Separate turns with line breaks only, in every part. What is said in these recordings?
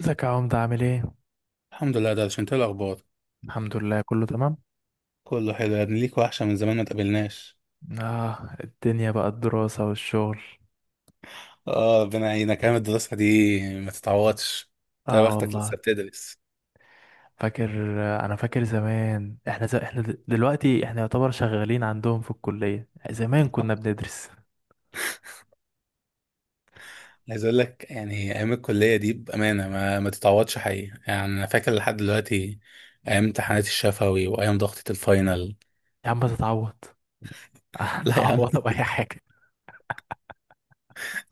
ازيك يا عمدة، عامل ايه؟
الحمد لله، ده انت إيه الاخبار؟
الحمد لله، كله تمام.
كله حلو يا ابني، ليك وحشه من زمان ما تقابلناش.
اه، الدنيا بقى الدراسة والشغل.
اه، ربنا يعينك. ايام الدراسه دي ما تتعوضش. انت
اه
بختك
والله.
لسه بتدرس.
فاكر. انا فاكر زمان احنا دلوقتي احنا يعتبر شغالين عندهم في الكلية، زمان كنا بندرس.
عايز اقول لك يعني ايام الكليه دي بامانه ما تتعوضش حقيقي، يعني انا فاكر لحد دلوقتي ايام امتحانات الشفوي وايام ضغطه الفاينل.
يا عم تتعوض.
لا يا عم.
هتعوضها بأي حاجة؟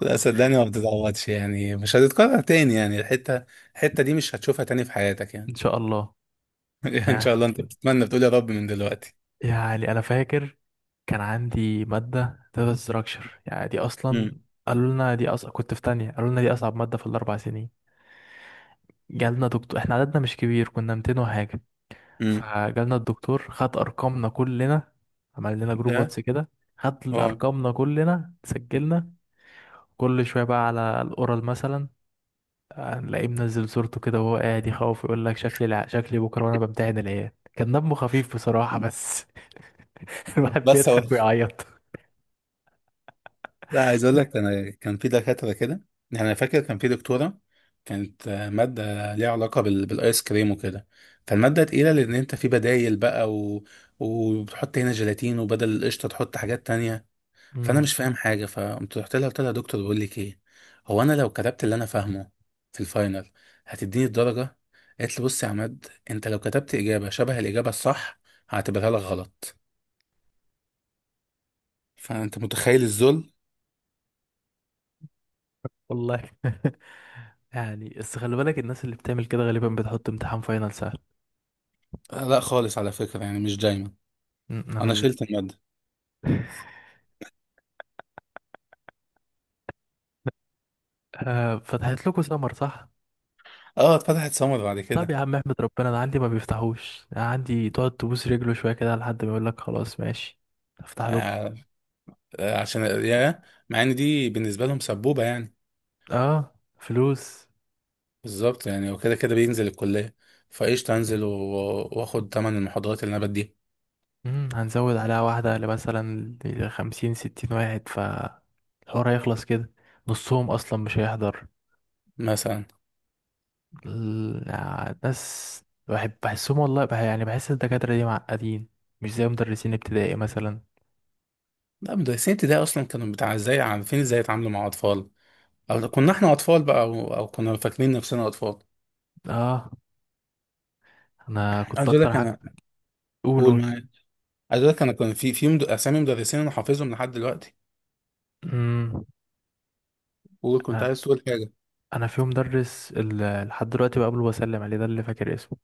لا صدقني ما بتتعوضش، يعني مش هتتكرر تاني. يعني الحته دي مش هتشوفها تاني في حياتك
ان
يعني.
شاء الله.
ان شاء الله.
يعني
انت بتتمنى بتقول يا رب من دلوقتي.
يعني انا فاكر كان عندي مادة داتا ستراكشر، يعني دي
امم.
اصلا قالوا لنا دي أص... كنت في تانية، قالوا لنا دي اصعب مادة في الاربع سنين. جالنا دكتور، احنا عددنا مش كبير، كنا 200 وحاجة.
امم.
فجالنا الدكتور خد ارقامنا كلنا، عمل لنا جروب
ده.
واتس كده، خد
اه.
ارقامنا كلنا، سجلنا. كل شويه بقى على الاورال مثلا هنلاقيه منزل صورته كده وهو قاعد يخوف، يقول لك شكلي بكره وانا بمتحن العيال. كان دمه خفيف بصراحه، بس الواحد
بس.
بيضحك ويعيط.
لا، عايز اقول لك انا كان في دكاتره كده. يعني انا فاكر كان في دكتوره، كانت، ماده ليها علاقه بالايس كريم وكده. فالماده تقيله لان انت في بدايل بقى، و... وبتحط هنا جيلاتين وبدل القشطه تحط حاجات تانية. فانا
امم.
مش فاهم حاجه، فقمت رحت لها قلت لها: يا دكتور، بقول لك ايه، هو انا لو كتبت اللي انا فاهمه في الفاينل هتديني الدرجه؟ قالت لي: بص يا عماد، انت لو كتبت اجابه شبه الاجابه الصح هعتبرها لك غلط. فانت متخيل الذل.
والله. يعني بس خلي بالك، الناس اللي بتعمل كده غالبا بتحط امتحان فاينل سهل.
لا خالص، على فكره يعني، مش دايما.
أمم، انا
انا
ال-
شلت الماده.
فتحت لكم سمر، صح؟
اه، اتفتحت سمر بعد
طب
كده.
يا عم احمد، ربنا انا عندي ما بيفتحوش، أنا عندي تقعد تبوس رجله شويه كده لحد ما يقول لك خلاص ماشي. افتح لكم.
آه. عشان يا، مع ان دي بالنسبه لهم سبوبه يعني.
اه، فلوس.
بالظبط يعني، وكده كده بينزل الكليه. فايش انزل واخد تمن المحاضرات اللي انا بديها.
هنزود عليها واحده لمثلا 50 60 واحد، ف الحوار هيخلص كده. نصهم اصلا مش هيحضر.
مثلا.
يعني ناس بحب بحسهم والله، يعني بحس الدكاتره دي معقدين، مش زي مدرسين ابتدائي مثلا.
لا مدرسين ابتدائي اصلا كانوا بتاع ازاي، عارفين ازاي يتعاملوا مع اطفال. او لو كنا احنا اطفال بقى، أو كنا فاكرين نفسنا اطفال.
اه. انا كنت
عايز اقول
اكتر
لك
حاجه.
انا. قول
قولوا.
معايا. عايز اقول لك انا كان في اسامي مدرسين انا حافظهم لحد دلوقتي.
امم.
وكنت عايز تقول حاجه.
انا في مدرس لحد دلوقتي بقابله وبسلم عليه، ده اللي فاكر اسمه.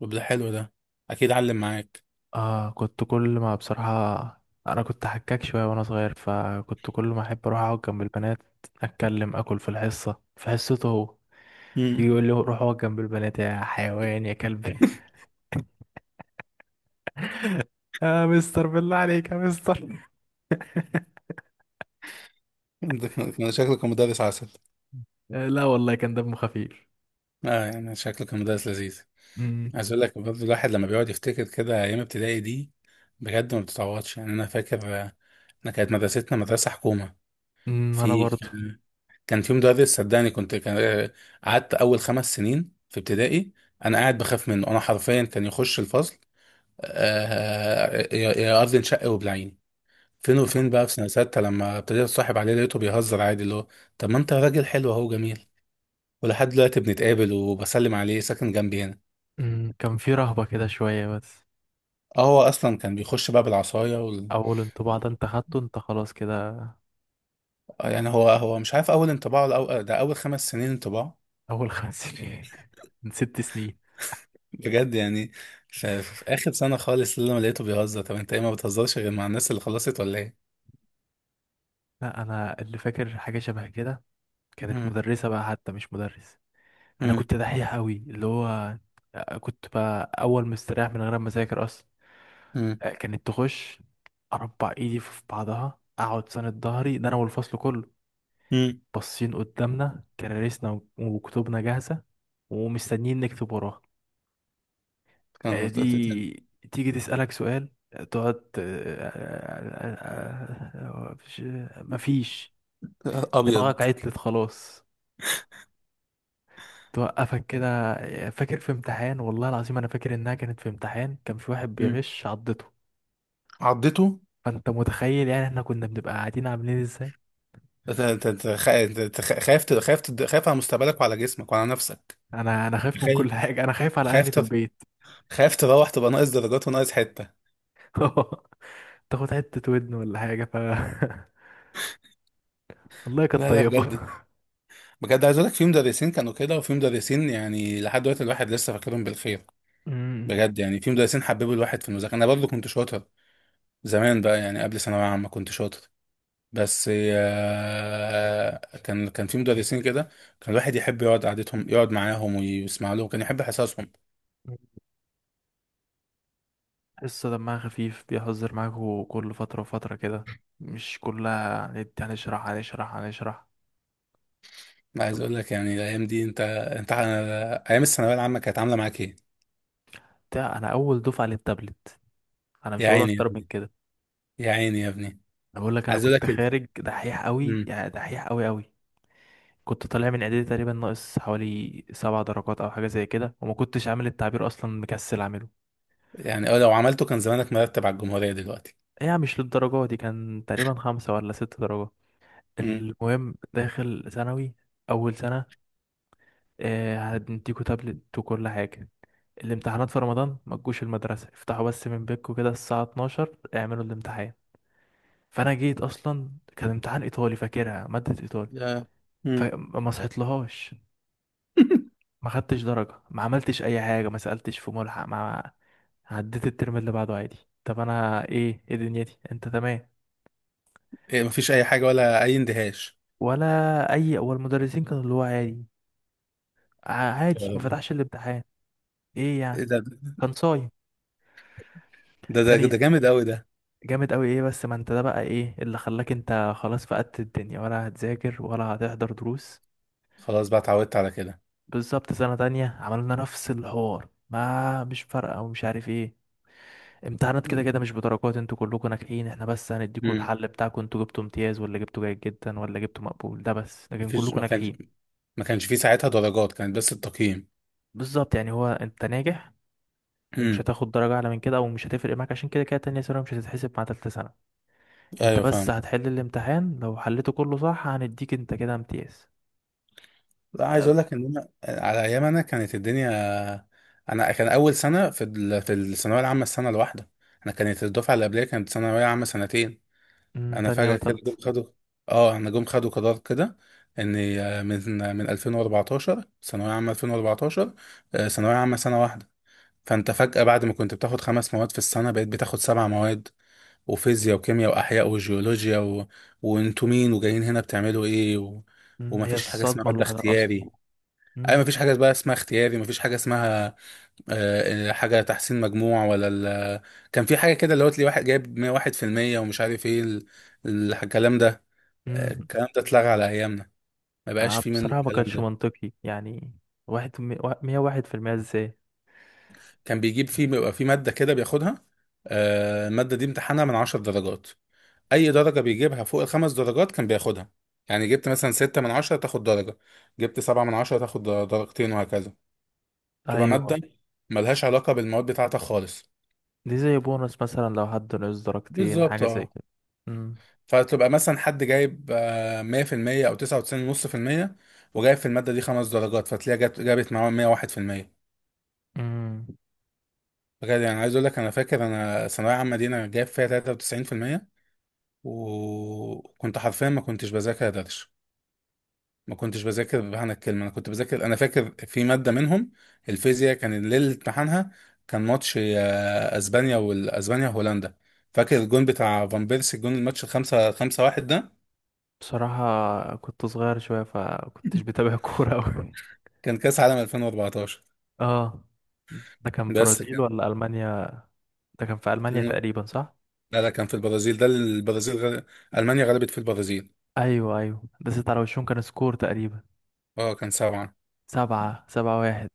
طب ده حلو ده، اكيد علم معاك.
اه كنت كل ما بصراحة. انا كنت حكاك شوية وانا صغير، فكنت كل ما احب اروح اقعد جنب البنات، اتكلم اكل في حصته هو، يجي يقول لي روح اقعد جنب البنات يا حيوان يا كلب. يا مستر، بالله عليك يا مستر.
ده كان شكله كان مدرس عسل.
آه لا والله، كان دمه خفيف.
اه يعني شكله كان مدرس لذيذ.
امم.
عايز اقول لك برضه، الواحد لما بيقعد يفتكر كده ايام ابتدائي دي بجد ما بتتعوضش، يعني انا فاكر. انا كانت مدرستنا مدرسه حكومه.
انا
في
برضو.
كان كان في مدرس، صدقني كنت كان، قعدت اول 5 سنين في ابتدائي انا قاعد بخاف منه، انا حرفيا كان يخش الفصل. يا ارض انشق وبلعيني. فين وفين بقى، في سنه سته لما ابتديت اتصاحب عليه لقيته بيهزر عادي، اللي هو طب ما انت راجل حلو اهو جميل. ولحد دلوقتي بنتقابل وبسلم عليه، ساكن جنبي هنا.
كان في رهبة كده شوية بس.
اه هو اصلا كان بيخش بقى بالعصايه
اول انطباع ده انت خدته انت، خلاص كده.
يعني هو مش عارف اول انطباع ولا ده اول 5 سنين انطباع.
اول خمس سنين من ست سنين.
بجد يعني، في اخر سنه خالص اللي انا لقيته بيهزر: طب انت ايه، ما بتهزرش غير مع الناس اللي خلصت ولا ايه.
لا، انا اللي فاكر حاجه شبه كده. كانت
مم.
مدرسه بقى، حتى مش مدرس. انا
مم.
كنت دحيح قوي، اللي هو كنت بقى اول مستريح من غير ما اذاكر اصلا.
مم.
كانت تخش اربع ايدي في بعضها، اقعد ساند ظهري، ده انا والفصل كله
مم.
باصين قدامنا كراريسنا وكتبنا جاهزه، ومستنيين نكتب وراها.
كان ت- ت- ت-
دي تيجي تسالك سؤال، تقعد آه، آه، مفيش. دماغك
ابيض.
عطلت خلاص، توقفك كده. فاكر في امتحان، والله العظيم انا فاكر انها كانت في امتحان، كان في واحد
مم.
بيغش عضته.
عضته.
فانت متخيل يعني، احنا كنا بنبقى قاعدين عاملين ازاي.
أنت خ- خايف ت- خايف تد- خايف على مستقبلك وعلى جسمك وعلى نفسك.
انا خايف من
خايف.
كل حاجه، انا خايف على
خايف
اهلي في
تر-
البيت.
خايف تروح تبقى ناقص درجات وناقص حته.
تاخد حته ودن ولا حاجه والله كانت
لا لا
طيبه.
بجد. بجد عايز اقول لك في مدرسين كانوا كده، وفي مدرسين يعني لحد دلوقتي الواحد لسه فاكرهم بالخير.
امم.
بجد يعني، في مدرسين حببوا الواحد في المذاكره. انا برضو كنت شاطر زمان بقى، يعني قبل ثانويه عامه كنت شاطر. بس كان في مدرسين كده، كان الواحد يحب يقعد قعدتهم، يقعد معاهم ويسمع لهم، كان يحب حصصهم.
تحسه دمها خفيف، بيهزر معاك كل فتره وفتره كده، مش كلها. هنشرح هنشرح هنشرح.
عايز اقول لك يعني الايام دي، انت انت ايام الثانويه العامه كانت عامله معاك ايه؟
انا اول دفعه للتابلت، انا
يا
مش هقول
عيني يا
اكتر من
ابني.
كده.
يا عيني يا ابني.
انا بقول لك انا
عايز اقول
كنت
لك ال-
خارج دحيح قوي،
مم.
يعني دحيح قوي قوي. كنت طالع من اعدادي تقريبا ناقص حوالي 7 درجات او حاجه زي كده، وما كنتش عامل التعبير اصلا، مكسل عامله.
يعني لو عملته كان زمانك مرتب على الجمهوريه دلوقتي.
يعني مش للدرجه دي، كان تقريبا خمسة ولا ست درجات.
مم.
المهم داخل ثانوي، اول سنه. آه هنديكوا تابلت وكل حاجه. الامتحانات في رمضان ما تجوش المدرسه، افتحوا بس من بيتكم كده الساعه 12 اعملوا الامتحان. فانا جيت اصلا، كان امتحان ايطالي، فاكرها ماده ايطالي.
يا مم.
فما صحيت لهاش، ما خدتش درجة، ما عملتش اي حاجة، ما سألتش في ملحق، ما عديت الترم اللي بعده عادي. طب انا ايه دنيتي؟ انت تمام؟
إيه مفيش اي حاجه ولا اي اندهاش؟
ولا اي، اول مدرسين كانوا اللي هو عادي، عادي، ما
آه،
فتحش الامتحان ايه
إيه
يعني،
ده.
كان صايم. تاني
ده جامد قوي ده.
جامد قوي ايه، بس ما انت ده بقى ايه اللي خلاك انت خلاص فقدت الدنيا، ولا هتذاكر ولا هتحضر دروس.
خلاص بقى اتعودت على كده.
بالظبط، سنة تانية عملنا نفس الحوار ما، مش فارقة، ومش عارف ايه. امتحانات كده كده مش بدرجات، انتوا كلكم ناجحين، احنا بس هنديكوا
امم.
الحل بتاعكم، انتوا جبتوا امتياز ولا جبتوا جيد جدا ولا جبتوا مقبول ده بس، لكن
مفيش،
كلكم ناجحين.
ما كانش في ساعتها درجات، كانت بس التقييم.
بالظبط يعني، هو انت ناجح، ومش
امم.
هتاخد درجة اعلى من كده، او مش هتفرق معاك عشان كده كده تانية ثانوي مش هتتحسب مع تالتة ثانوي. انت
ايوه
بس
فاهم.
هتحل الامتحان، لو حليته كله صح هنديك انت كده امتياز.
لا، عايز
أب-
اقول لك ان انا، على ايام انا كانت الدنيا، انا كان اول سنه في الثانويه العامه السنه الواحده. انا كانت الدفعه اللي قبليه كانت ثانويه عامه سنتين. انا
تانية
فجأة كده
وتالتة.
جم خدوا، اه انا جم خدوا قرار كده ان من 2014، ثانوية عامة 2014، ثانوية عامة سنة واحدة. فانت فجأة بعد ما كنت بتاخد خمس مواد في السنة بقيت بتاخد سبع مواد، وفيزياء وكيمياء واحياء وجيولوجيا، و... وانتوا مين وجايين هنا بتعملوا ايه. و...
هي
ومفيش حاجة اسمها
الصدمة
مادة
لوحدها اصلا.
اختياري. اي
مم.
مفيش حاجة بقى اسمها اختياري، مفيش حاجة اسمها حاجة تحسين مجموع ولا ال... كان في حاجة كده اللي هو تلاقي واحد جايب 101% ومش عارف ايه ال... الكلام ده.
مم.
الكلام ده اتلغى على ايامنا، ما بقاش فيه منه
بصراحة ما
الكلام
كانش
ده.
منطقي يعني، واحد، 101% ازاي؟
كان بيجيب فيه، بيبقى فيه ماده كده بياخدها. الماده دي امتحانها من 10 درجات، اي درجه بيجيبها فوق الخمس درجات كان بياخدها. يعني جبت مثلا 6 من 10 تاخد درجه، جبت 7 من 10 تاخد درجتين وهكذا. تبقى
ايوه.
ماده ملهاش علاقه بالمواد بتاعتك خالص.
دي زي بونص مثلا لو حد نقص درجتين،
بالظبط
حاجة زي
اه.
كده. امم.
فتبقى مثلا حد جايب 100% او 99.5%، وجايب في الماده دي خمس درجات فتلاقيها جابت معاه 101%.
امم.
بجد يعني، عايز اقول لك انا فاكر انا ثانويه عامه دي انا جايب فيها 93%. وكنت حرفيا ما كنتش بذاكر درش، ما كنتش بذاكر بمعنى الكلمه. انا كنت بذاكر، انا فاكر في ماده منهم الفيزياء كان ليله امتحانها كان ماتش اسبانيا والاسبانيا وهولندا. فاكر الجون بتاع فان بيرسي، الجون الماتش الخمسة واحد ده.
بصراحة كنت صغير شوية، فكنتش بتابع كورة أوي.
كان كاس عالم 2014.
اه. ده كان
بس
برازيل
كان
ولا ألمانيا؟ ده كان في ألمانيا
كان-
تقريبا، صح؟
لا لا كان في البرازيل، ده البرازيل المانيا غلبت في البرازيل.
أيوه، أيوه، ده ست على وشهم كان سكور تقريبا،
اه كان سبعه.
سبعة سبعة واحد.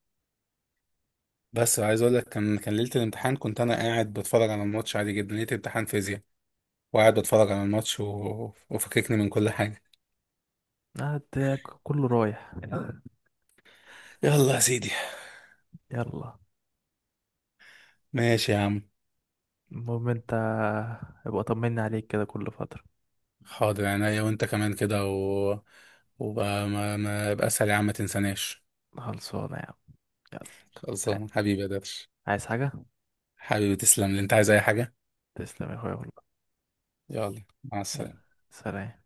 بس عايز اقول لك، كان ليله الامتحان كنت انا قاعد بتفرج على الماتش عادي جدا، ليله امتحان فيزياء وقاعد بتفرج على الماتش، و... وفككني من كل حاجه.
ده كله رايح.
يلا يا سيدي.
يلا.
ماشي يا عم.
المهم انت ابقى طمني عليك كده كل فترة.
حاضر عينيا، وانت كمان كده، و... وبقى ما يبقى اسهل يا عم، ما تنساناش.
خلصانة يا عم. يلا.
خلصان حبيبي يا درش.
عايز حاجة؟
حبيبي تسلم لي، انت عايز اي حاجه؟
تسلم يا اخويا والله.
يلا مع
يلا.
السلامه.
سلام.